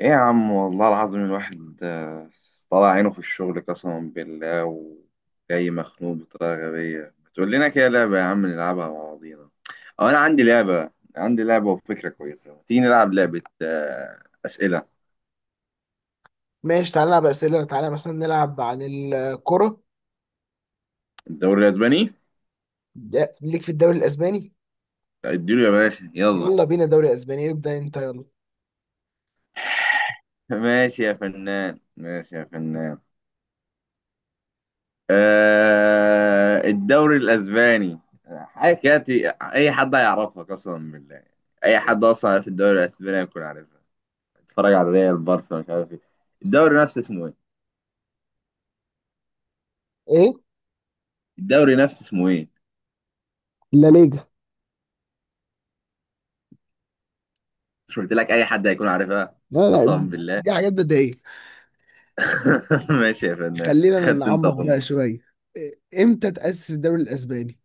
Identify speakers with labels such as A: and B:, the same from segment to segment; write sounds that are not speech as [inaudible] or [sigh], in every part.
A: ايه يا عم والله العظيم الواحد طلع عينه في الشغل قسما بالله، وجاي مخنوق بطريقة غبية. ما تقول لنا كده لعبة يا عم، نلعبها مع بعضينا؟ أو أنا عندي لعبة. عندي لعبة وفكرة كويسة، تيجي نلعب لعبة أسئلة
B: ماشي، تعالى نلعب أسئلة. تعالى مثلا نلعب عن الكرة.
A: الدوري الأسباني.
B: ليك في الدوري الأسباني.
A: طيب اديله يا باشا يلا.
B: يلا بينا دوري أسباني، ابدأ أنت يلا.
A: [laughs] ماشي يا فنان، ماشي يا فنان. الدوري الأسباني. حاجة كده أي حد هيعرفها قسما بالله. أي حد أصلا في الدوري الأسباني هيكون عارفها. اتفرج على ريال بارسا مش عارف ايه. الدوري نفسه اسمه ايه؟
B: إيه؟
A: الدوري نفسه اسمه ايه؟
B: لا، ليجا.
A: مش قلت لك اي حد هيكون عارفها؟
B: لا لا،
A: قسما بالله.
B: دي حاجات بدائية.
A: [laughs] ماشي يا فنان،
B: خلينا
A: خدت انت
B: نعمق بقى
A: بونت.
B: شوية. إيه، إمتى تأسس الدوري الأسباني؟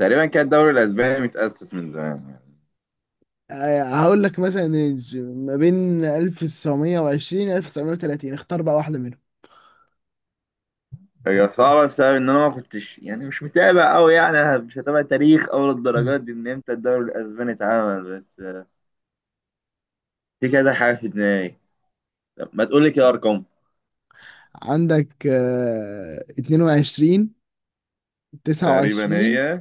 A: تقريبا كان الدوري الاسباني متاسس من زمان يعني.
B: هقول لك مثلا ما بين 1920 و 1930، اختار بقى واحدة منهم.
A: هي صعبة بسبب ان انا ما كنتش، يعني مش متابع قوي، يعني مش هتابع تاريخ او
B: مم.
A: للدرجات دي ان امتى الدوري الاسباني اتعمل، بس في كذا حاجة في دماغي. طب ما تقول لي كده ارقام.
B: عندك 22،
A: تقريبا
B: 29،
A: هي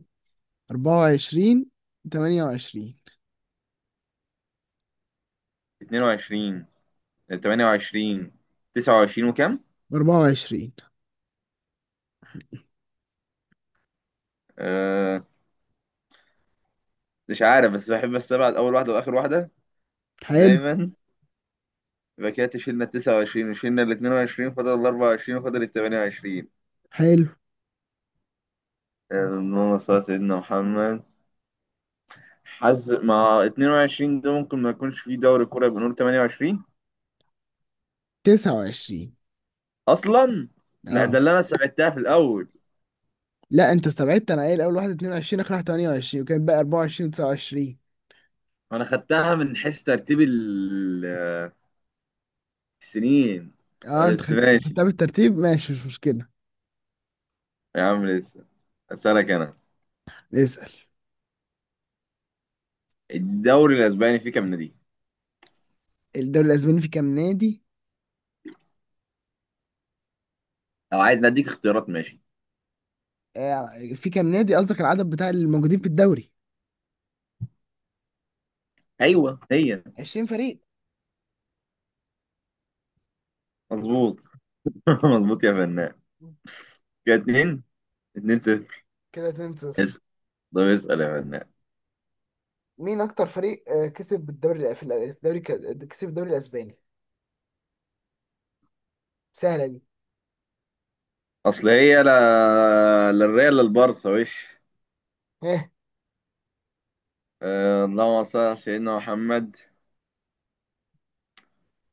B: 24، 28.
A: 22، 28، 29 وكام؟
B: و24.
A: مش عارف، بس بحب استبعد اول واحده واخر واحده
B: حلو.
A: دايما. يبقى كده شيلنا 29 وشيلنا ال 22، فاضل ال 24 فاضل ال 28.
B: حلو.
A: اللهم صل على سيدنا محمد. حظ مع 22 ده ممكن ما يكونش فيه دوري كوره، يبقى نقول 28.
B: 29.
A: اصلا لا، ده
B: اه.
A: اللي انا ساعدتها في الاول.
B: لا، انت استبعدت، انا قايل اول واحد 22، اخر واحد 28، وكان بقى 24، 29.
A: انا خدتها من حيث ترتيب السنين،
B: اه، انت
A: بس ماشي.
B: خدتها بالترتيب، ماشي، مش مشكلة.
A: يا عم لسه اسالك انا.
B: اسأل.
A: الدوري الاسباني فيه كام نادي؟
B: الدوري الاسباني في كام نادي؟
A: لو عايز اديك اختيارات ماشي.
B: في كام نادي، قصدك العدد بتاع الموجودين في الدوري؟
A: ايوه هي.
B: 20 فريق.
A: مظبوط. [laughs] مظبوط يا فنان. كده اتنين. اتنين صفر.
B: كده 2-0.
A: اسأل. طب اسأل يا فنان.
B: مين اكتر فريق كسب بالدوري الدوري كسب الدوري الاسباني؟ سهلة دي.
A: أصل هي لا لا الريال لا البارسا وش.
B: ها.
A: اللهم صل على سيدنا محمد.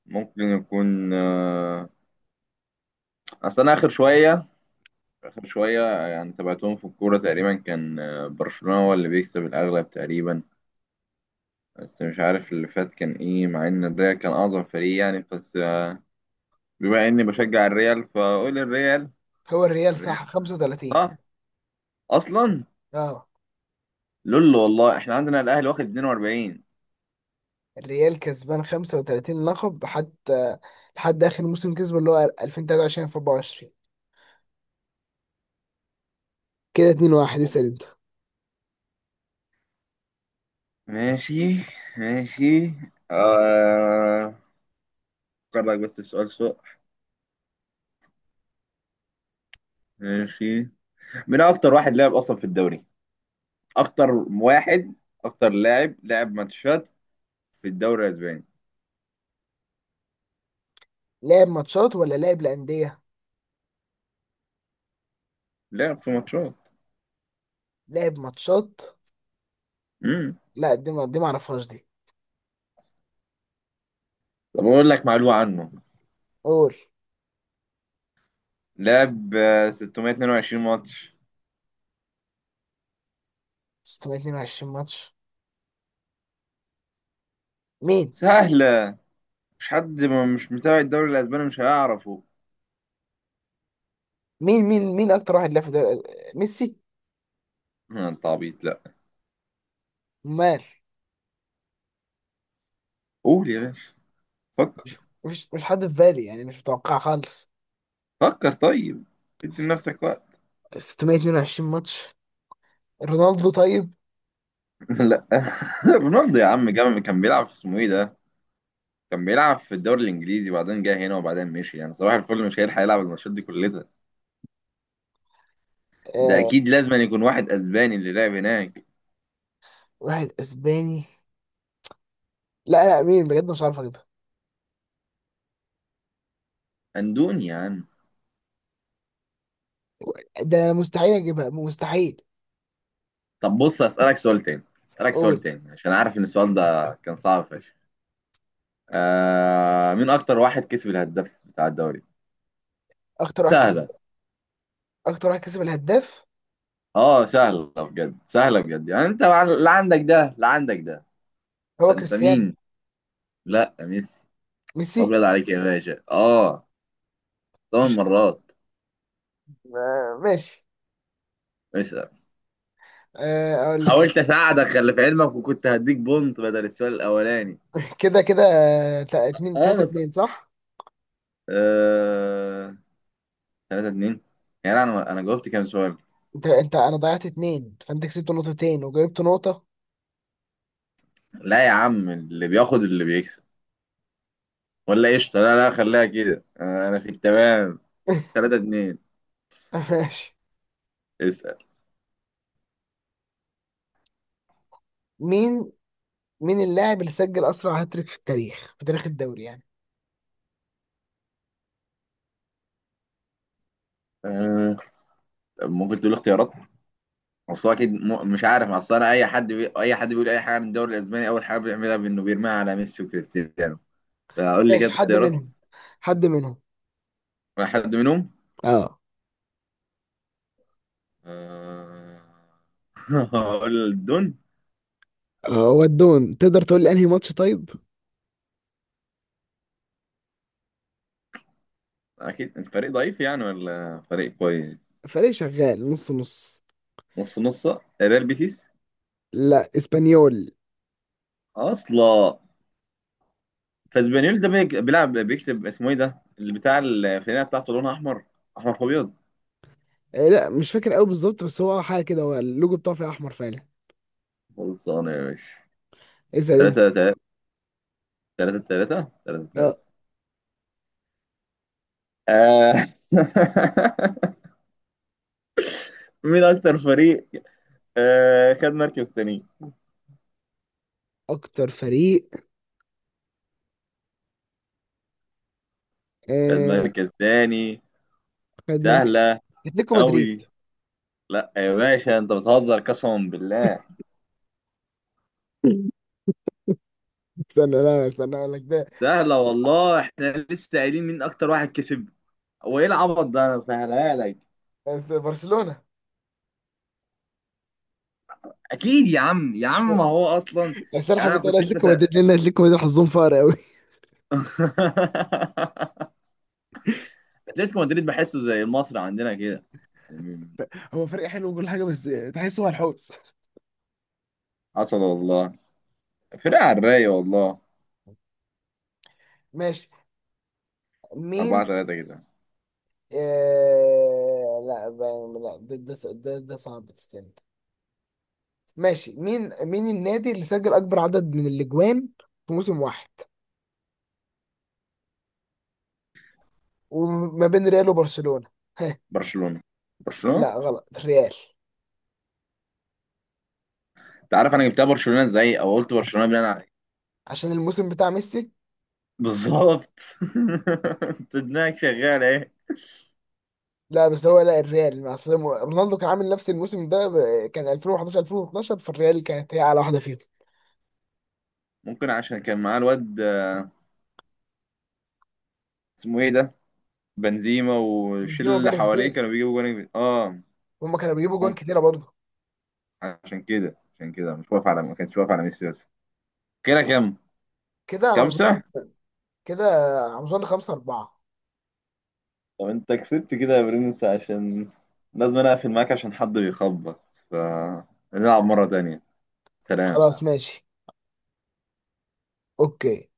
A: ممكن يكون. أصل أنا آخر شوية. آخر شوية يعني تابعتهم في الكورة. تقريبا كان برشلونة هو اللي بيكسب الأغلب تقريبا. بس مش عارف اللي فات كان إيه، مع إن الريال كان أعظم فريق يعني، بس بما إني بشجع الريال، فأقول الريال.
B: هو الريال صح،
A: الريال
B: 35.
A: صح أصلا.
B: اه،
A: لولو والله، إحنا عندنا الأهلي واخد 42.
B: الريال كسبان 35 لقب حتى، لحد اخر موسم كسبه اللي هو 2023 في 24. كده 2-1،
A: والله.
B: اسال انت.
A: ماشي. ماشي. آه أفكر لك بس في سؤال سوء. ماشي. مين أكتر واحد لعب أصلا في الدوري؟ أكتر واحد، أكتر لاعب لعب ماتشات في الدوري الأسباني.
B: لعب ماتشات ولا لعب لأندية؟
A: لعب في ماتشات.
B: لعب ماتشات.
A: امم
B: لا، دي ما اعرفهاش دي.
A: طب أقول لك معلومة عنه.
B: قول.
A: لعب 622 ماتش.
B: 622 ماتش؟ مين
A: سهلة. مش حد ما مش متابع الدوري الأسباني مش هيعرفه.
B: مين اكتر واحد لعب في دوري. ميسي.
A: أنت عبيط لا.
B: مال.
A: قول يا باشا، فكر.
B: مش مش حد في بالي، يعني مش متوقع خالص.
A: فكر طيب، ادي لنفسك وقت.
B: 622 ماتش. رونالدو طيب.
A: لا [laughs] رونالدو يا عم جامد، كان بيلعب في اسمه ايه ده، كان بيلعب في الدوري الانجليزي، وبعدين جه هنا وبعدين مشي، يعني صباح الفل. مش هيلحق يلعب الماتشات دي كلها. ده
B: آه.
A: اكيد لازم أن يكون واحد اسباني اللي لعب هناك.
B: واحد اسباني. لا لا، مين بجد، مش عارف.
A: اندوني يا عم.
B: ده انا مستحيل اجيبها، مستحيل.
A: طب بص اسالك سؤال تاني. اسالك سؤال
B: قول.
A: تاني عشان عارف ان السؤال ده كان صعب فشخ. مين اكتر واحد كسب الهداف بتاع الدوري؟
B: اكتر واحد كسب.
A: سهله.
B: اكتر واحد كسب الهداف.
A: اه سهله بجد، سهله بجد، يعني انت لا عندك ده، لا عندك ده.
B: هو
A: فانت
B: كريستيانو.
A: مين؟ لا ميسي.
B: ميسي.
A: ابيض عليك يا باشا. اه، ثمان
B: مش [laughs]
A: مرات
B: آه، ماشي.
A: اسأل.
B: آه، اقول لك أنا.
A: حاولت اساعدك، خلي في علمك، وكنت هديك بونت بدل السؤال الاولاني.
B: [laughs] كده كده، اتنين
A: اه
B: تلاتة،
A: بس.
B: اتنين صح.
A: آه... 3-2. يعني انا جاوبت كام سؤال؟
B: انت انا ضيعت اتنين، فانت كسبت نقطتين وجايبت نقطة.
A: لا يا عم، اللي بياخد اللي بيكسب، ولا قشطه. لا لا خليها كده. آه، انا في التمام.
B: [laughs]
A: 3-2.
B: ماشي.
A: اسأل.
B: مين. مين اللاعب اللي سجل اسرع هاتريك في التاريخ، في تاريخ الدوري يعني.
A: آه... طب ممكن تقول اختيارات. اصل هو اكيد مش عارف. اصل انا اي حد اي حد بيقول اي حاجه عن الدوري الاسباني، اول حاجه بيعملها بانه بيرميها على ميسي وكريستيانو. فقول لي
B: ماشي،
A: كده
B: حد
A: اختيارات.
B: منهم. حد منهم.
A: واحد منهم.
B: اه.
A: آه، [laughs] هقول الدون.
B: ودهم تقدر تقول لي انهي ماتش طيب.
A: اكيد انت فريق ضعيف يعني ولا فريق كويس؟
B: فريق شغال نص نص.
A: نص نص. ريال بيتيس
B: لا، اسبانيول.
A: اصلا. فاسبانيول ده بيلعب، بيكتب اسمه ايه ده، اللي بتاع الفنانه بتاعته، لونها احمر. احمر في ابيض.
B: لا، مش فاكر قوي بالظبط، بس هو حاجه كده، هو اللوجو بتاعه فيه احمر فعلا.
A: خلصانه يا باشا.
B: اسال انت.
A: تلاتة تلاتة. تلاتة تلاتة تلاتة
B: آه،
A: تلاتة. آه. [laughs] مين أكتر فريق خد مركز تاني؟
B: اكتر فريق
A: خد
B: آه،
A: مركز تاني.
B: خد مركز.
A: سهلة.
B: اتلتيكو مدريد.
A: أوي. لا يا باشا، أنت بتهزر قسما بالله.
B: [laughs] استنى، لا لا، استنى اقول لك ده.
A: سهلة والله، احنا لسه قايلين مين اكتر واحد كسب. هو ايه العبط ده، انا سهلها لك.
B: بس برشلونه.
A: اكيد يا عم، يا عم ما هو اصلا.
B: بس انا
A: يعني انا
B: حبيت اقول
A: كنت انت
B: اتلتيكو مدريد لان اتلتيكو مدريد حظهم فقر قوي.
A: [laughs] اتلتيكو مدريد بحسه زي المصري عندنا كده يعني.
B: [laughs] هو فريق حلو وكل حاجه، بس تحسه هو الحوس.
A: حصل والله، فرقة على الرايق والله.
B: ماشي.
A: 4
B: مين.
A: 3 كده.
B: آه... لا، ده صعب، تستنى. ماشي، مين. مين النادي اللي سجل اكبر عدد من الاجوان في موسم واحد، وما بين ريال وبرشلونة؟ [laughs]
A: برشلونة. برشلونة،
B: لا غلط، الريال.
A: انت عارف انا جبتها برشلونة ازاي، او قلت برشلونة بناء على ايه؟
B: عشان الموسم بتاع ميسي.
A: بالظبط. [laughs] انت دماغك شغالة ايه.
B: لا بس هو، لا الريال مع أصل رونالدو كان عامل نفس الموسم ده، كان 2011، 2012، فالريال كانت هي على واحده فيهم.
A: ممكن عشان كان معاه الواد اسمه ايه ده، بنزيما، والشله
B: بنزيما
A: اللي
B: وجاريث
A: حواليه
B: بيل،
A: كانوا بيجيبوا جوان اه.
B: هما كانوا بيجيبوا جوان
A: ممكن.
B: كتيره برضه.
A: عشان كده، عشان كده مش واقف على، ما كانش واقف على ميسي بس. كده كام.
B: كده على ما اظن.
A: خمسة.
B: كده على ما اظن 5 4.
A: طب انت كسبت كده يا برنس، عشان لازم انا اقفل معاك، عشان حد بيخبط. فنلعب مرة تانية. سلام.
B: خلاص ماشي. اوكي.